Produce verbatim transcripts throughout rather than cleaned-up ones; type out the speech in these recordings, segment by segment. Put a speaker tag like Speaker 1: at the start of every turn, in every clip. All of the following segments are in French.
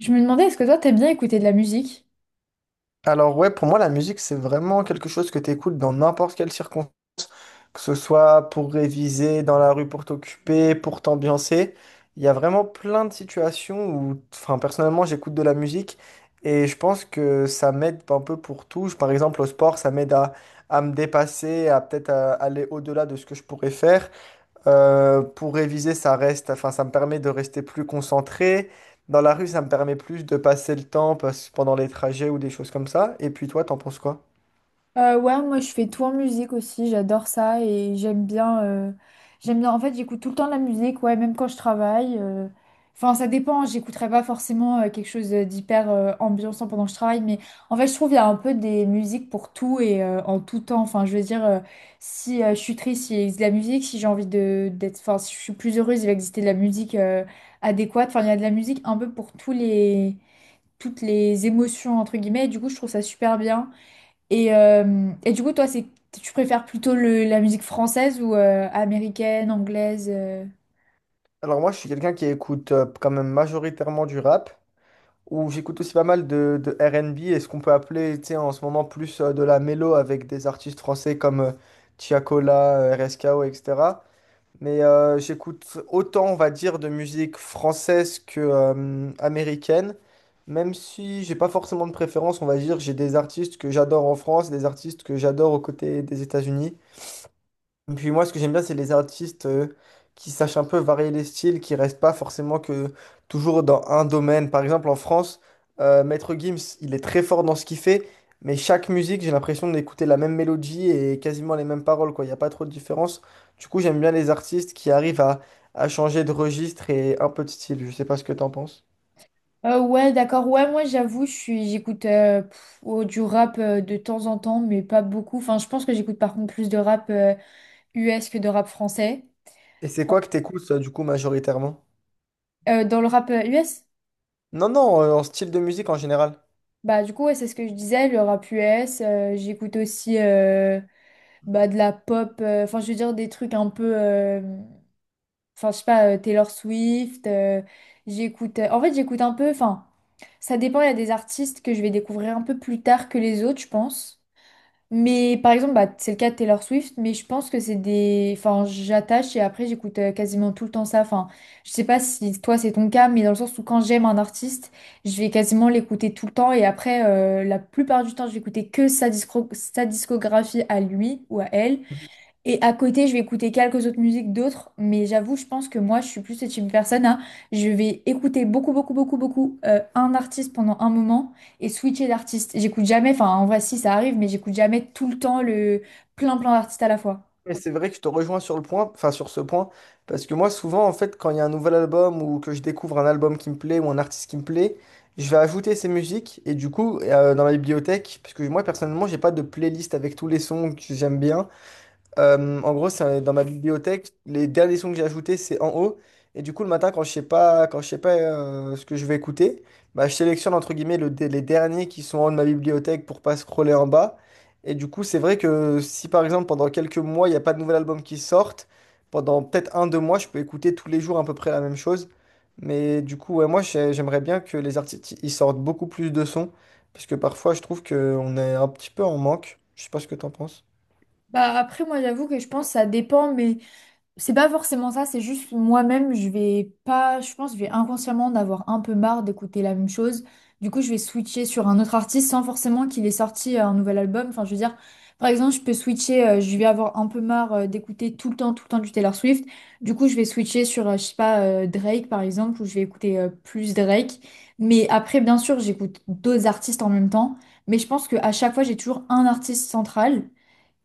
Speaker 1: Je me demandais, est-ce que toi, t'aimes bien écouter de la musique?
Speaker 2: Alors ouais, pour moi, la musique, c'est vraiment quelque chose que tu écoutes dans n'importe quelle circonstance, que ce soit pour réviser, dans la rue pour t'occuper, pour t'ambiancer. Il y a vraiment plein de situations où, enfin, personnellement, j'écoute de la musique et je pense que ça m'aide un peu pour tout. Je- Par exemple, au sport, ça m'aide à, à me dépasser, à peut-être à aller au-delà de ce que je pourrais faire. Euh, pour réviser, ça reste, enfin, ça me permet de rester plus concentré. Dans la rue, ça me permet plus de passer le temps parce- pendant les trajets ou des choses comme ça. Et puis toi, t'en penses quoi?
Speaker 1: Euh, ouais, moi je fais tout en musique aussi, j'adore ça et j'aime bien, euh, j'aime bien. En fait, j'écoute tout le temps de la musique, ouais, même quand je travaille. euh. Enfin, ça dépend. J'écouterai pas forcément euh, quelque chose d'hyper euh, ambiançant pendant que je travaille, mais en fait, je trouve il y a un peu des musiques pour tout et euh, en tout temps. Enfin, je veux dire, euh, si euh, je suis triste, il existe de la musique. Si j'ai envie de d'être, enfin, si je suis plus heureuse, il va exister de la musique euh, adéquate. Enfin, il y a de la musique un peu pour tous les toutes les émotions entre guillemets. Et du coup, je trouve ça super bien. Et, euh, et du coup, toi, c'est tu préfères plutôt le- la musique française ou euh, américaine, anglaise euh
Speaker 2: Alors moi, je suis quelqu'un qui écoute euh, quand même majoritairement du rap, ou j'écoute aussi pas mal de, de R et B et ce qu'on peut appeler, tu sais, en ce moment plus euh, de la mélo avec des artistes français comme euh, Tiakola, euh, R S K O, et cetera. Mais euh, j'écoute autant, on va dire, de musique française que euh, américaine, même si j'ai pas forcément de préférence, on va dire, j'ai des artistes que j'adore en France et des artistes que j'adore aux côtés des États-Unis. Puis moi, ce que j'aime bien, c'est les artistes euh, qui sachent un peu varier les styles, qui restent pas forcément que toujours dans un domaine. Par exemple, en France, euh, Maître Gims, il est très fort dans ce qu'il fait, mais chaque musique, j'ai l'impression d'écouter la même mélodie et quasiment les mêmes paroles, quoi. Il n'y a pas trop de différence. Du coup, j'aime bien les artistes qui arrivent à, à changer de registre et un peu de style. Je sais pas ce que t'en penses.
Speaker 1: Euh, ouais, d'accord. Ouais, moi, j'avoue, je suis j'écoute euh, pff, oh, du rap euh, de temps en temps, mais pas beaucoup. Enfin, je pense que j'écoute par contre plus de rap euh, U S que de rap français.
Speaker 2: Et c'est quoi que t'écoutes, toi, du coup, majoritairement?
Speaker 1: Euh, dans le rap euh, U S,
Speaker 2: Non, non, euh, en style de musique en général.
Speaker 1: bah du coup ouais, c'est ce que je disais, le rap U S, euh, j'écoute aussi euh, bah, de la pop, euh, enfin je veux dire des trucs un peu euh, Enfin, je sais pas, euh, Taylor Swift, euh, j'écoute. Euh, en fait, j'écoute un peu. Enfin, ça dépend. Il y a des artistes que je vais découvrir un peu plus tard que les autres, je pense. Mais par exemple, bah, c'est le cas de Taylor Swift, mais je pense que c'est des. Enfin, j'attache et après, j'écoute euh, quasiment tout le temps ça. Enfin, je sais pas si toi, c'est ton cas, mais dans le sens où quand j'aime un artiste, je vais quasiment l'écouter tout le temps et après, euh, la plupart du temps, je vais écouter que sa discro- sa discographie à lui ou à elle. Et à côté, je vais écouter quelques autres musiques d'autres, mais j'avoue, je pense que moi, je suis plus ce type de personne à, je vais écouter beaucoup, beaucoup, beaucoup, beaucoup euh, un artiste pendant un moment et switcher d'artiste. J'écoute jamais, enfin, en vrai, si ça arrive, mais j'écoute jamais tout le temps le plein, plein d'artistes à la fois.
Speaker 2: Mais c'est vrai que je te rejoins sur le point, enfin sur ce point, parce que moi souvent en fait quand il y a un nouvel album ou que je découvre un album qui me plaît ou un artiste qui me plaît, je vais ajouter ces musiques et du coup euh, dans ma bibliothèque, parce que moi personnellement j'ai pas de playlist avec tous les sons que j'aime bien, euh, en gros, c'est un- dans ma bibliothèque, les derniers sons que j'ai ajoutés, c'est en haut. Et du coup, le matin, quand je sais pas, quand je sais pas euh, ce que je vais écouter, bah, je sélectionne entre guillemets le, dé- les derniers qui sont en haut de ma bibliothèque pour pas scroller en bas. Et du coup, c'est vrai que si par exemple pendant quelques mois, il n'y a pas de nouvel album qui sortent, pendant peut-être un, deux mois, je peux écouter tous les jours à peu près la même chose. Mais du coup, ouais, moi, j'ai- j'aimerais bien que les artistes ils sortent beaucoup plus de sons, parce que parfois, je trouve qu'on est un petit peu en manque. Je sais pas ce que t'en penses.
Speaker 1: Bah après, moi, j'avoue que je pense que ça dépend, mais c'est pas forcément ça, c'est juste moi-même, je vais pas, je pense, je vais inconsciemment en avoir un peu marre d'écouter la même chose. Du coup, je vais switcher sur un autre artiste sans forcément qu'il ait sorti euh, un nouvel album. Enfin, je veux dire, par exemple, je peux switcher, euh, je vais avoir un peu marre euh, d'écouter tout le temps, tout le temps du Taylor Swift. Du coup, je vais switcher sur, euh, je sais pas, euh, Drake par exemple, où je vais écouter euh, plus Drake. Mais après, bien sûr, j'écoute d'autres artistes en même temps. Mais je pense qu'à chaque fois, j'ai toujours un artiste central.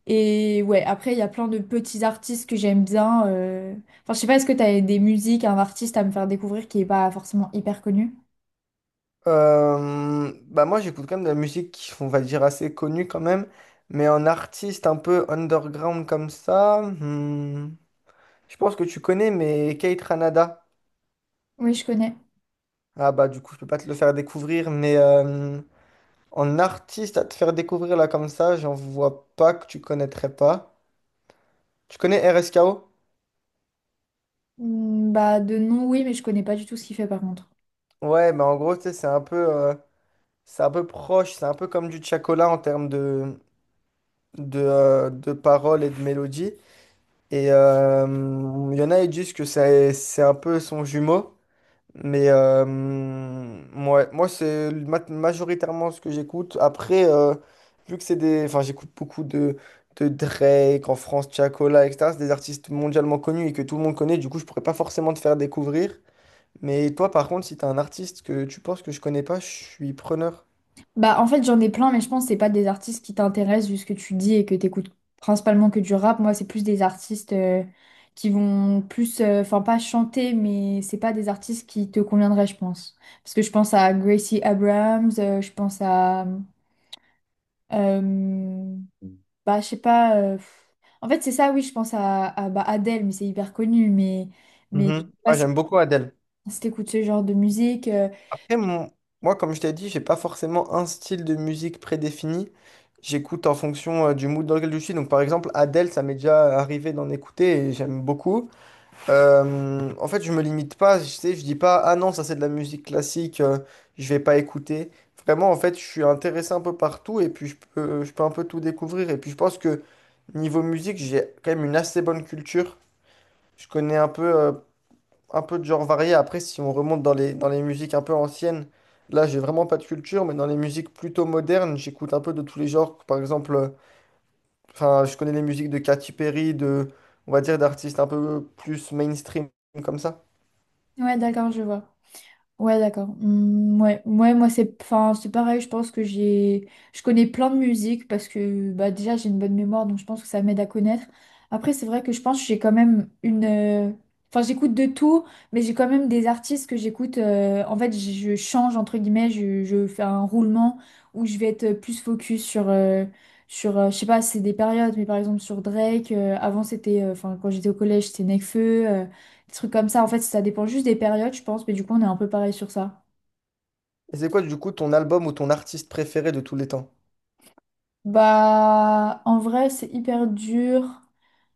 Speaker 1: Et ouais, après, il y a plein de petits artistes que j'aime bien. euh. Enfin, je sais pas, est-ce que t'as des musiques, un artiste à me faire découvrir qui est pas forcément hyper connu?
Speaker 2: Euh, bah moi j'écoute quand même de la musique qui on va dire assez connue quand même mais en artiste un peu underground comme ça, hmm, je pense que tu connais, mais Kate Ranada.
Speaker 1: Oui, je connais.
Speaker 2: Ah bah du coup je peux pas te le faire découvrir, mais euh, en artiste à te faire découvrir là comme ça, j'en vois pas que tu connaîtrais pas. Tu connais R S K O?
Speaker 1: Hmm, bah, de nom, oui, mais je connais pas du tout ce qu'il fait par contre.
Speaker 2: Ouais bah en gros tu sais, c'est un peu euh, c'est un peu proche, c'est un peu comme du Chacola en termes de de, euh, de paroles et de mélodies. Et euh, il y en a, ils disent que c'est c'est un peu son jumeau. Mais euh, ouais, moi, c'est ma- majoritairement ce que j'écoute. Après, euh, vu que c'est des. Enfin, j'écoute beaucoup de, de Drake en France, Tiakola, et cetera. C'est des artistes mondialement connus et que tout le monde connaît. Du coup, je pourrais pas forcément te faire découvrir. Mais toi, par contre, si t'as un artiste que tu penses que je connais pas, je suis preneur.
Speaker 1: Bah, en fait, j'en ai plein, mais je pense que c'est pas des artistes qui t'intéressent vu ce que tu dis et que t'écoutes principalement que du rap. Moi, c'est plus des artistes euh, qui vont plus, euh, enfin, pas chanter, mais c'est pas des artistes qui te conviendraient, je pense. Parce que je pense à Gracie Abrams, euh, je pense à. Euh, Bah, je sais pas. Euh, pff. En fait, c'est ça, oui, je pense à, à bah, Adele, mais c'est hyper connu. Mais, mais je sais
Speaker 2: Mhm.
Speaker 1: pas
Speaker 2: Moi,
Speaker 1: si,
Speaker 2: j'aime beaucoup Adele.
Speaker 1: si t'écoutes ce genre de musique. euh.
Speaker 2: Après, mon- moi, comme je t'ai dit, j'ai pas forcément un style de musique prédéfini. J'écoute en fonction euh, du mood dans lequel je suis. Donc, par exemple, Adele, ça m'est déjà arrivé d'en écouter et j'aime beaucoup. Euh, en fait, je me limite pas. Je sais, je dis pas, ah non, ça c'est de la musique classique, euh, je vais pas écouter. Vraiment, en fait, je suis intéressé un peu partout et puis je peux, je peux un peu tout découvrir. Et puis, je pense que niveau musique, j'ai quand même une assez bonne culture. Je connais un peu. euh, un peu de genre varié. Après, si on remonte dans les, dans les musiques un peu anciennes, là, j'ai vraiment pas de culture, mais dans les musiques plutôt modernes, j'écoute un peu de tous les genres. Par exemple, euh, enfin, je connais les musiques de Katy Perry, de, on va dire, d'artistes un peu plus mainstream comme ça.
Speaker 1: Ouais, d'accord, je vois. Ouais, d'accord. Hmm, ouais, ouais, moi c'est enfin, c'est pareil, je pense que j'ai je connais plein de musique parce que bah déjà j'ai une bonne mémoire donc je pense que ça m'aide à connaître. Après c'est vrai que je pense que j'ai quand même une euh, enfin j'écoute de tout, mais j'ai quand même des artistes que j'écoute euh, en fait je je change entre guillemets, je, je fais un roulement où je vais être plus focus sur euh, sur euh, je sais pas, c'est des périodes mais par exemple sur Drake, euh, avant c'était euh, enfin quand j'étais au collège, c'était Nekfeu euh, des trucs comme ça, en fait, ça dépend juste des périodes, je pense, mais du coup, on est un peu pareil sur ça.
Speaker 2: Et c'est quoi, du coup, ton album ou ton artiste préféré de tous les temps?
Speaker 1: Bah, en vrai, c'est hyper dur.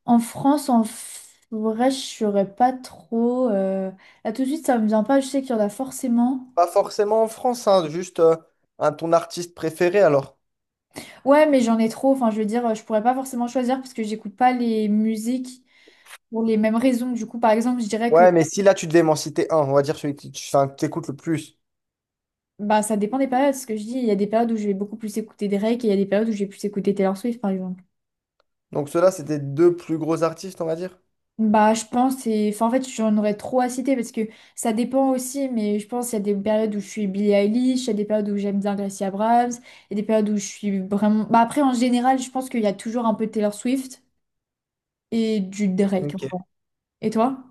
Speaker 1: En France, en f- vrai, je saurais pas trop. euh, Là, tout de suite, ça me vient pas. Je sais qu'il y en a forcément.
Speaker 2: Pas forcément en France, hein, juste euh, un, ton artiste préféré alors.
Speaker 1: Ouais, mais j'en ai trop. Enfin, je veux dire, je pourrais pas forcément choisir parce que j'écoute pas les musiques pour les mêmes raisons. Du coup, par exemple, je dirais que
Speaker 2: Ouais, mais si là, tu devais m'en citer un, on va dire celui que tu, enfin, que t'écoutes le plus.
Speaker 1: bah, ça dépend des périodes. Ce que je dis, il y a des périodes où je vais beaucoup plus écouter Drake et il y a des périodes où je vais plus écouter Taylor Swift, par exemple.
Speaker 2: Donc, ceux-là, c'était deux plus gros artistes, on va dire.
Speaker 1: Bah, je pense, et enfin, en fait, j'en aurais trop à citer parce que ça dépend aussi, mais je pense qu'il y a des périodes où je suis Billie Eilish, il y a des périodes où j'aime bien Gracie Abrams, il y a des périodes où je suis vraiment. Bah, après, en général, je pense qu'il y a toujours un peu de Taylor Swift et du Drake.
Speaker 2: Ok.
Speaker 1: En vrai. Et toi?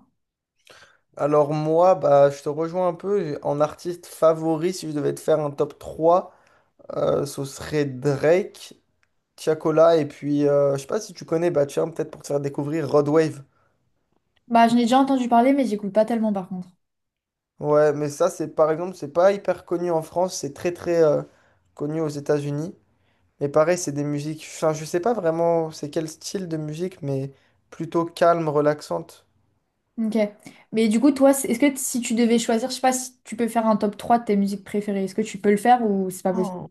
Speaker 2: Alors moi, bah, je te rejoins un peu. J'ai- En artiste favori, si je devais te faire un top trois, euh, ce serait Drake, Tiakola, et puis euh, je sais pas si tu connais, bah tiens, peut-être pour te faire découvrir Rodwave.
Speaker 1: Bah, j'en ai déjà entendu parler, mais j'écoute pas tellement par contre.
Speaker 2: Ouais, mais ça, c'est par exemple, c'est pas hyper connu en France, c'est très très euh, connu aux États-Unis. Mais pareil, c'est des musiques, enfin, je sais pas vraiment c'est quel style de musique, mais plutôt calme, relaxante.
Speaker 1: Ok. Mais du coup, toi, c'est- est-ce que si tu devais choisir, je sais pas si tu peux faire un top trois de tes musiques préférées, est-ce que tu peux le faire ou c'est pas possible?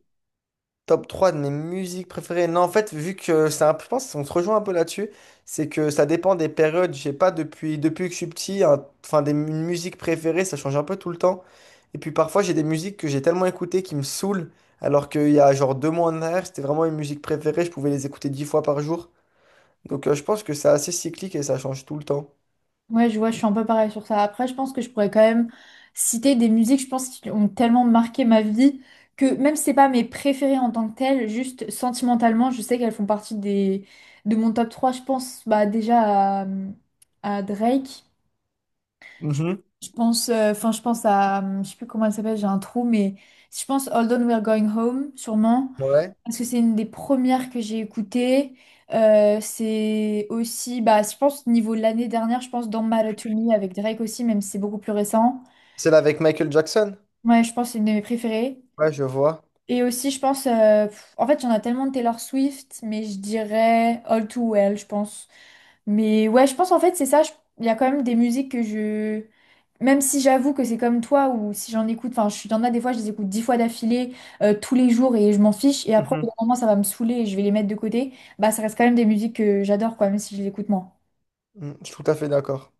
Speaker 2: Top trois de mes musiques préférées. Non, en fait, vu que c'est un je pense qu'on se rejoint un peu là-dessus, c'est que ça dépend des périodes. Je sais pas, depuis, depuis que je suis petit, un- enfin, des mu- musiques préférées, ça change un peu tout le temps. Et puis parfois, j'ai des musiques que j'ai tellement écoutées qui me saoulent, alors qu'il y a genre deux mois en arrière, c'était vraiment une musique préférée, je pouvais les écouter dix fois par jour. Donc euh, je pense que c'est assez cyclique et ça change tout le temps.
Speaker 1: Ouais, je vois, je suis un peu pareil sur ça. Après, je pense que je pourrais quand même citer des musiques, je pense, qui ont tellement marqué ma vie que même si c'est pas mes préférées en tant que telles, juste sentimentalement, je sais qu'elles font partie des de mon top trois. Je pense bah, déjà à, à Drake. Je
Speaker 2: Mhm.
Speaker 1: je pense, euh, enfin, je pense à, je sais plus comment elle s'appelle, j'ai un trou, mais je pense Hold On, We're Going Home, sûrement.
Speaker 2: Ouais.
Speaker 1: Parce que c'est une des premières que j'ai écoutées. Euh, c'est aussi, bah, je pense, niveau de l'année dernière, je pense, dans Matter to Me avec Drake aussi, même si c'est beaucoup plus récent.
Speaker 2: Celle avec Michael Jackson?
Speaker 1: Ouais, je pense que c'est une de mes préférées.
Speaker 2: Ouais, je vois.
Speaker 1: Et aussi, je pense, euh, pff, en fait, j'en ai tellement de Taylor Swift, mais je dirais All Too Well, je pense. Mais ouais, je pense en fait, c'est ça. je- Il y a quand même des musiques que je. Même si j'avoue que c'est comme toi, ou si j'en écoute, enfin, je suis il y en a des fois, je les écoute dix fois d'affilée, euh, tous les jours, et je m'en fiche. Et après, au bout
Speaker 2: Mhm.
Speaker 1: d'un moment, ça va me saouler et je vais les mettre de côté. Bah, ça reste quand même des musiques que j'adore, quoi, même si je les écoute moins.
Speaker 2: Mm. Je suis tout à fait d'accord.